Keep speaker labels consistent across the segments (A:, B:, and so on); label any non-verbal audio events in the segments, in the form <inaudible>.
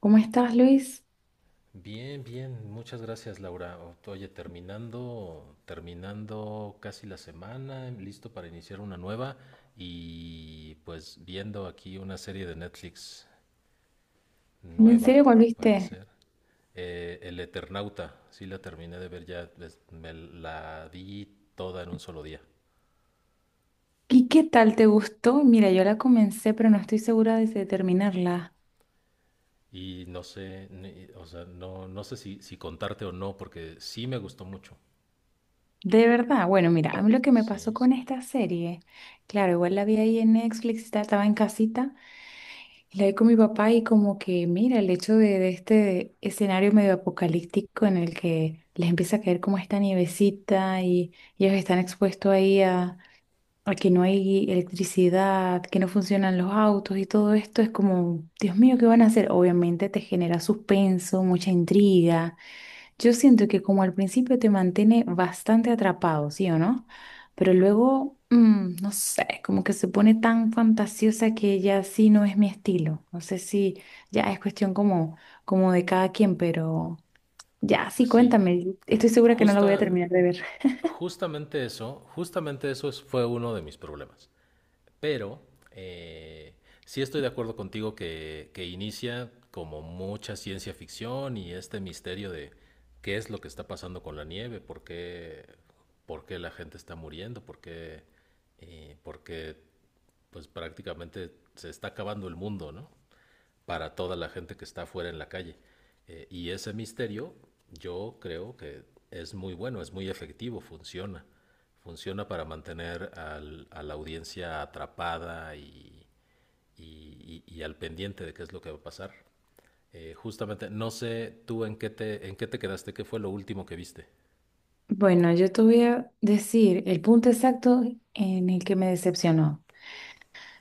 A: ¿Cómo estás, Luis?
B: Bien, bien, muchas gracias Laura. Oye, terminando casi la semana, listo para iniciar una nueva y pues viendo aquí una serie de Netflix
A: ¿En
B: nueva,
A: serio volviste?
B: parecer. El Eternauta, sí la terminé de ver ya, me la di toda en un solo día.
A: ¿Y qué tal te gustó? Mira, yo la comencé, pero no estoy segura de si terminarla.
B: Y no sé, o sea, no sé si contarte o no, porque sí me gustó mucho.
A: De verdad, bueno, mira, a mí lo que me pasó
B: Sí,
A: con esta serie, claro, igual la vi ahí en Netflix, estaba en casita, y la vi con mi papá y como que, mira, el hecho de este escenario medio apocalíptico en el que les empieza a caer como esta nievecita y ellos están expuestos ahí a que no hay electricidad, que no funcionan los autos y todo esto es como, Dios mío, ¿qué van a hacer? Obviamente te genera suspenso, mucha intriga. Yo siento que como al principio te mantiene bastante atrapado, ¿sí o no? Pero luego, no sé, como que se pone tan fantasiosa que ya sí no es mi estilo. No sé si ya es cuestión como, como de cada quien, pero ya sí,
B: sí.
A: cuéntame. Estoy segura que no la voy a
B: Justa,
A: terminar de ver.
B: Justamente eso, fue uno de mis problemas. Pero eh, sí estoy de acuerdo contigo que inicia como mucha ciencia ficción y este misterio de qué es lo que está pasando con la nieve, por qué la gente está muriendo, por qué, pues prácticamente se está acabando el mundo, ¿no? Para toda la gente que está afuera en la calle. Y ese misterio yo creo que es muy bueno, es muy efectivo, funciona. Funciona para mantener a la audiencia atrapada y al pendiente de qué es lo que va a pasar. Justamente, no sé tú en qué te quedaste, qué fue lo último que viste.
A: Bueno, yo te voy a decir el punto exacto en el que me decepcionó.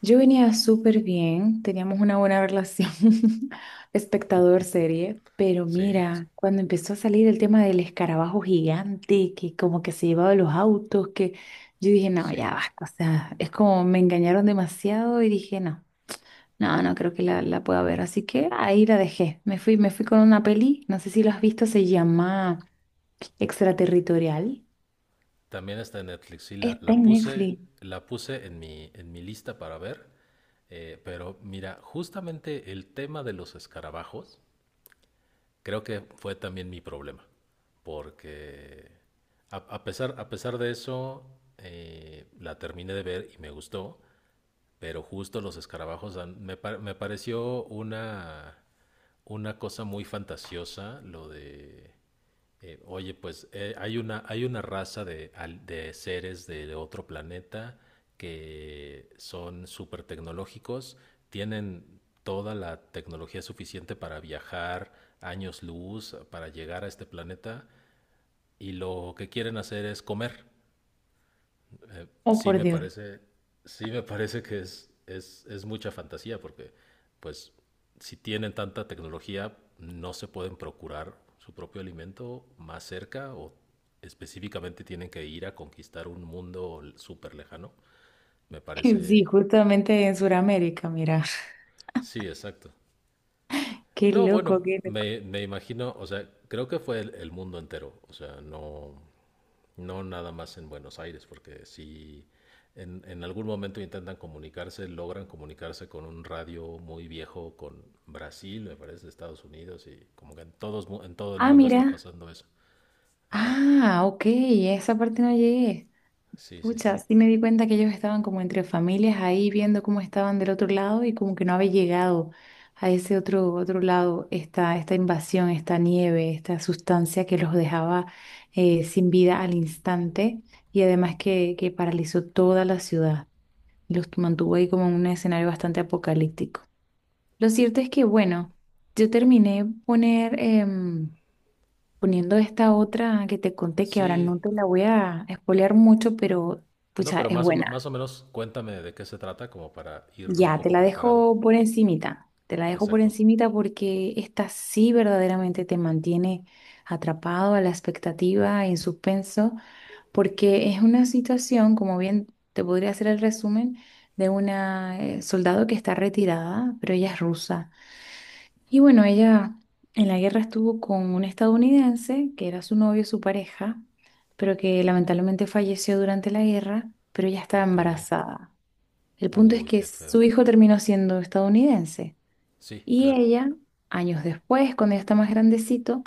A: Yo venía súper bien, teníamos una buena relación, <laughs> espectador serie, pero
B: Sí,
A: mira, cuando empezó a salir el tema del escarabajo gigante, que como que se llevaba los autos, que yo dije, no,
B: sí.
A: ya basta, o sea, es como me engañaron demasiado y dije, no, no, no creo que la pueda ver, así que ahí la dejé. Me fui con una peli, no sé si lo has visto, se llama Extraterritorial.
B: También está en Netflix, sí,
A: Está en Netflix.
B: la puse en mi lista para ver, pero mira, justamente el tema de los escarabajos creo que fue también mi problema, porque a pesar de eso, la terminé de ver y me gustó, pero justo los escarabajos me pareció una cosa muy fantasiosa lo de, oye, hay una raza de, de seres de otro planeta que son súper tecnológicos, tienen toda la tecnología suficiente para viajar años luz, para llegar a este planeta, y lo que quieren hacer es comer eh,
A: Oh,
B: sí
A: por
B: me
A: Dios.
B: parece, sí me parece que es mucha fantasía, porque pues si tienen tanta tecnología, no se pueden procurar su propio alimento más cerca o específicamente tienen que ir a conquistar un mundo súper lejano. Me
A: <laughs>
B: parece,
A: Sí, justamente en Sudamérica, mira.
B: sí, exacto.
A: Qué
B: No, bueno,
A: loco, qué loco.
B: me imagino, o sea, creo que fue el mundo entero, o sea, no, no nada más en Buenos Aires, porque si en algún momento intentan comunicarse, logran comunicarse con un radio muy viejo, con Brasil, me parece, Estados Unidos, y como que en, todos, en todo el
A: Ah,
B: mundo está
A: mira.
B: pasando eso. Ajá,
A: Ah, ok, esa parte no llegué.
B: sí, sí,
A: Pucha,
B: sí.
A: sí me di cuenta que ellos estaban como entre familias ahí viendo cómo estaban del otro lado y como que no había llegado a ese otro lado esta invasión, esta nieve, esta sustancia que los dejaba sin vida al instante y además que paralizó toda la ciudad y los mantuvo ahí como en un escenario bastante apocalíptico. Lo cierto es que, bueno, yo terminé poner, poniendo esta otra que te conté, que ahora
B: Sí,
A: no te la voy a spoilear mucho, pero
B: no,
A: pucha,
B: pero
A: es
B: más
A: buena.
B: o menos cuéntame de qué se trata, como para ir un
A: Ya, te
B: poco
A: la
B: preparado.
A: dejo por encimita. Te la dejo por
B: Exacto.
A: encimita porque esta sí verdaderamente te mantiene atrapado a la expectativa, en suspenso, porque es una situación, como bien te podría hacer el resumen, de una soldado que está retirada, pero ella es rusa. Y bueno, ella en la guerra estuvo con un estadounidense que era su novio, su pareja, pero que lamentablemente falleció durante la guerra, pero ella estaba
B: Ok.
A: embarazada. El punto es
B: Uy,
A: que
B: qué feo.
A: su hijo terminó siendo estadounidense
B: Sí,
A: y
B: claro.
A: ella, años después, cuando ya está más grandecito,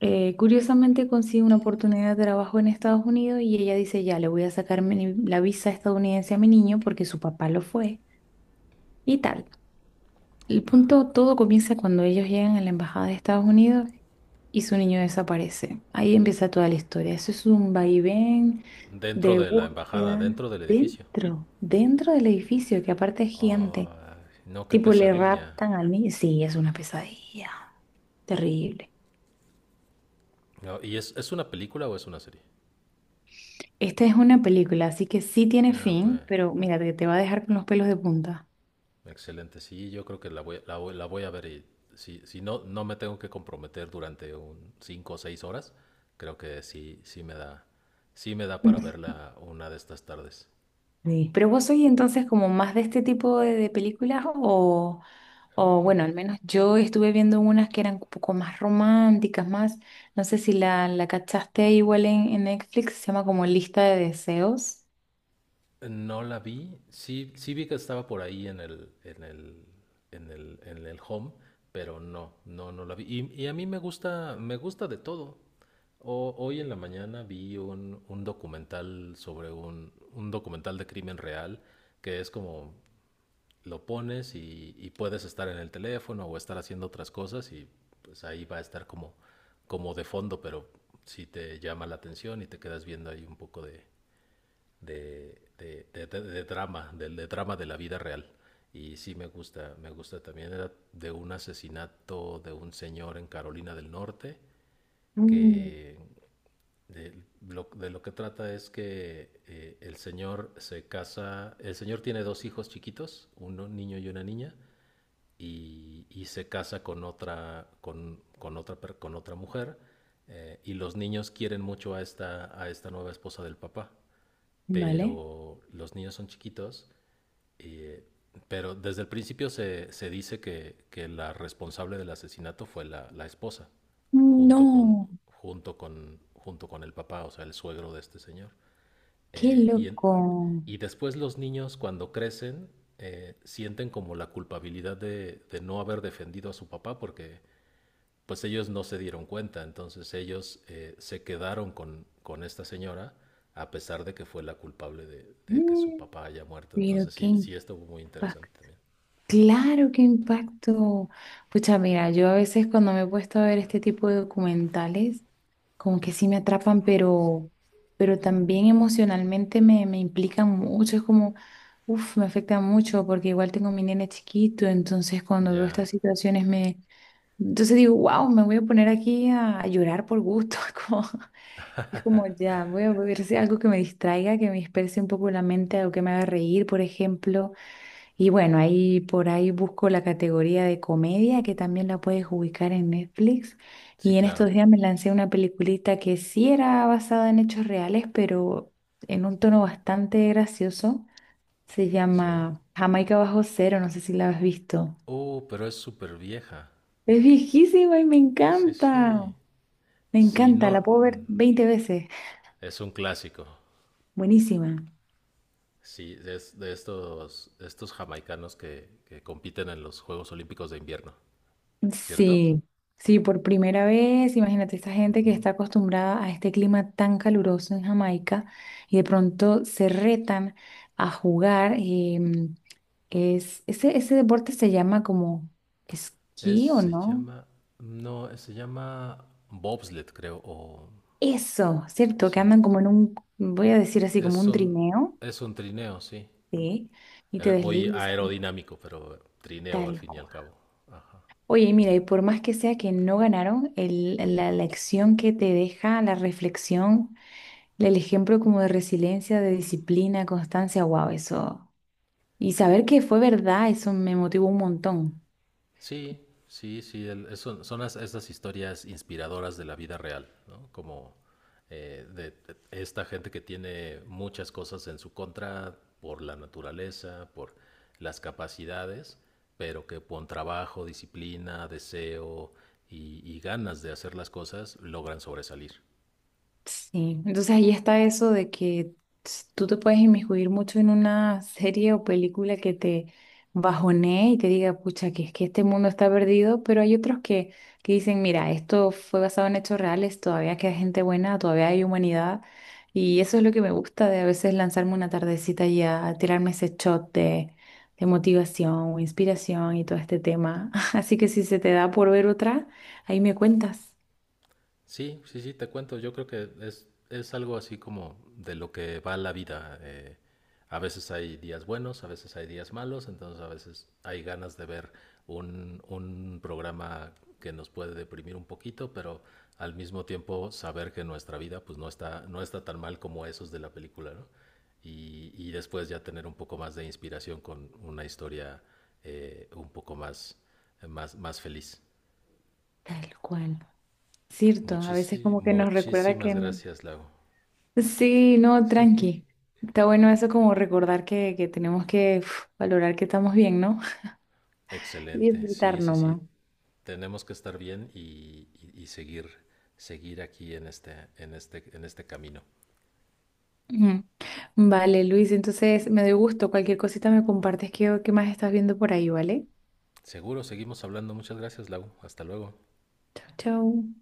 A: curiosamente consigue una oportunidad de trabajo en Estados Unidos y ella dice, ya, le voy a sacar la visa estadounidense a mi niño porque su papá lo fue y tal. El punto, todo comienza cuando ellos llegan a la embajada de Estados Unidos y su niño desaparece. Ahí empieza toda la historia. Eso es un vaivén
B: Dentro
A: de
B: de la embajada,
A: búsqueda
B: dentro del edificio.
A: dentro del edificio, que aparte es gigante.
B: No, qué
A: Tipo, le
B: pesadilla.
A: raptan al niño. Sí, es una pesadilla. Terrible.
B: No, ¿y es una película o es una serie?
A: Esta es una película, así que sí tiene
B: Ah, ok.
A: fin, pero mira, te va a dejar con los pelos de punta.
B: Excelente. Sí, yo creo que la voy a ver y si, si no, no me tengo que comprometer durante un 5 o 6 horas, creo que sí, sí me da para
A: <laughs>
B: verla una de estas tardes.
A: Sí. ¿Pero vos sois entonces como más de este tipo de películas o
B: Mm,
A: bueno, al menos yo estuve viendo unas que eran un poco más románticas, más, no sé si la cachaste igual en Netflix, se llama como Lista de Deseos.
B: no la vi. Sí, sí vi que estaba por ahí en el home, pero no la vi. Y a mí me gusta de todo. Hoy en la mañana vi un documental sobre un documental de crimen real que es como lo pones y puedes estar en el teléfono o estar haciendo otras cosas y pues ahí va a estar como, como de fondo, pero si te llama la atención y te quedas viendo ahí un poco de drama, de drama de la vida real. Y sí me gusta también. Era de un asesinato de un señor en Carolina del Norte
A: Mm.
B: que de de lo que trata es que el señor se casa, el señor tiene dos hijos chiquitos, un niño y una niña, y se casa con otra, con otra mujer, y los niños quieren mucho a esta nueva esposa del papá,
A: ¿Vale?
B: pero los niños son chiquitos, eh, pero desde el principio se dice la responsable del asesinato fue la, la esposa, junto con,
A: No,
B: junto con el papá, o sea, el suegro de este señor.
A: qué
B: Eh, y, en,
A: loco.
B: y después los niños cuando crecen sienten como la culpabilidad de no haber defendido a su papá porque pues ellos no se dieron cuenta, entonces ellos se quedaron con esta señora a pesar de que fue la culpable de que su
A: Mm.
B: papá haya muerto.
A: Pero
B: Entonces
A: qué
B: sí, sí estuvo muy interesante
A: impacto.
B: también.
A: Claro, qué impacto. Pucha, mira, yo a veces cuando me he puesto a ver este tipo de documentales, como que sí me atrapan, pero también emocionalmente me, me implican mucho, es como, uff, me afecta mucho porque igual tengo mi nene chiquito, entonces cuando veo
B: Ya,
A: estas situaciones me, entonces digo, wow, me voy a poner aquí a llorar por gusto, <laughs> como- es como ya, voy a ver si algo que me distraiga, que me disperse un poco la mente, algo que me haga reír, por ejemplo. Y bueno, ahí por ahí busco la categoría de comedia que también la puedes ubicar en Netflix.
B: sí,
A: Y en
B: claro,
A: estos días me lancé una peliculita que sí era basada en hechos reales, pero en un tono bastante gracioso. Se
B: sí.
A: llama Jamaica Bajo Cero, no sé si la has visto.
B: Oh, pero es súper vieja.
A: Es viejísima y me
B: Sí, sí.
A: encanta. Me
B: Sí,
A: encanta,
B: no,
A: la puedo ver
B: mm,
A: 20 veces.
B: es un clásico.
A: Buenísima.
B: Sí, es de estos, estos jamaicanos que compiten en los Juegos Olímpicos de invierno, ¿cierto?
A: Sí, sí, por primera vez, imagínate esta gente que está acostumbrada a este clima tan caluroso en Jamaica y de pronto se retan a jugar. Es, ese deporte se llama como
B: Es,
A: esquí o
B: se
A: no.
B: llama, no, se llama bobsled, creo, o
A: Eso, ¿cierto? Que
B: sí.
A: andan como en un, voy a decir así, como
B: Es
A: un
B: un,
A: trineo,
B: es un trineo, sí.
A: ¿sí? Y te
B: Muy
A: deslizas y
B: aerodinámico, pero trineo al
A: tal
B: fin y al
A: cual.
B: cabo. Ajá.
A: Oye, mira, y por más que sea que no ganaron, la lección que te deja, la reflexión. El ejemplo como de resiliencia, de disciplina, constancia, wow, eso. Y saber que fue verdad, eso me motivó un montón.
B: Sí, sí, sí, son, esas historias inspiradoras de la vida real, ¿no? Como de esta gente que tiene muchas cosas en su contra por la naturaleza, por las capacidades, pero que con trabajo, disciplina, deseo y ganas de hacer las cosas logran sobresalir.
A: Sí, entonces ahí está eso de que tú te puedes inmiscuir mucho en una serie o película que te bajonee y te diga, pucha, que es que este mundo está perdido, pero hay otros que dicen, mira, esto fue basado en hechos reales, todavía queda gente buena, todavía hay humanidad, y eso es lo que me gusta de a veces lanzarme una tardecita y a tirarme ese shot de motivación o inspiración y todo este tema. <laughs> Así que si se te da por ver otra, ahí me cuentas.
B: Sí, sí, sí, te cuento. Yo creo que es algo así como de lo que va la vida. A veces hay días buenos, a veces hay días malos, entonces a veces hay ganas de ver un programa que nos puede deprimir un poquito, pero al mismo tiempo saber que nuestra vida pues no está tan mal como esos de la película, ¿no? Y después ya tener un poco más de inspiración con una historia un poco más, más, más feliz.
A: Tal cual. Cierto, a veces como que nos recuerda que
B: Muchísimas
A: no...
B: gracias, Lago.
A: Sí, no, tranqui. Está bueno eso como recordar que tenemos que uf, valorar que estamos bien, ¿no? <laughs> Y
B: Excelente, sí,
A: disfrutar
B: sí, sí.
A: nomás.
B: Tenemos que estar bien y seguir, seguir aquí en este camino.
A: Ujú. Vale, Luis, entonces me dio gusto. Cualquier cosita me compartes qué, qué más estás viendo por ahí, ¿vale?
B: Seguro, seguimos hablando. Muchas gracias, Lau. Hasta luego.
A: Chau, chau.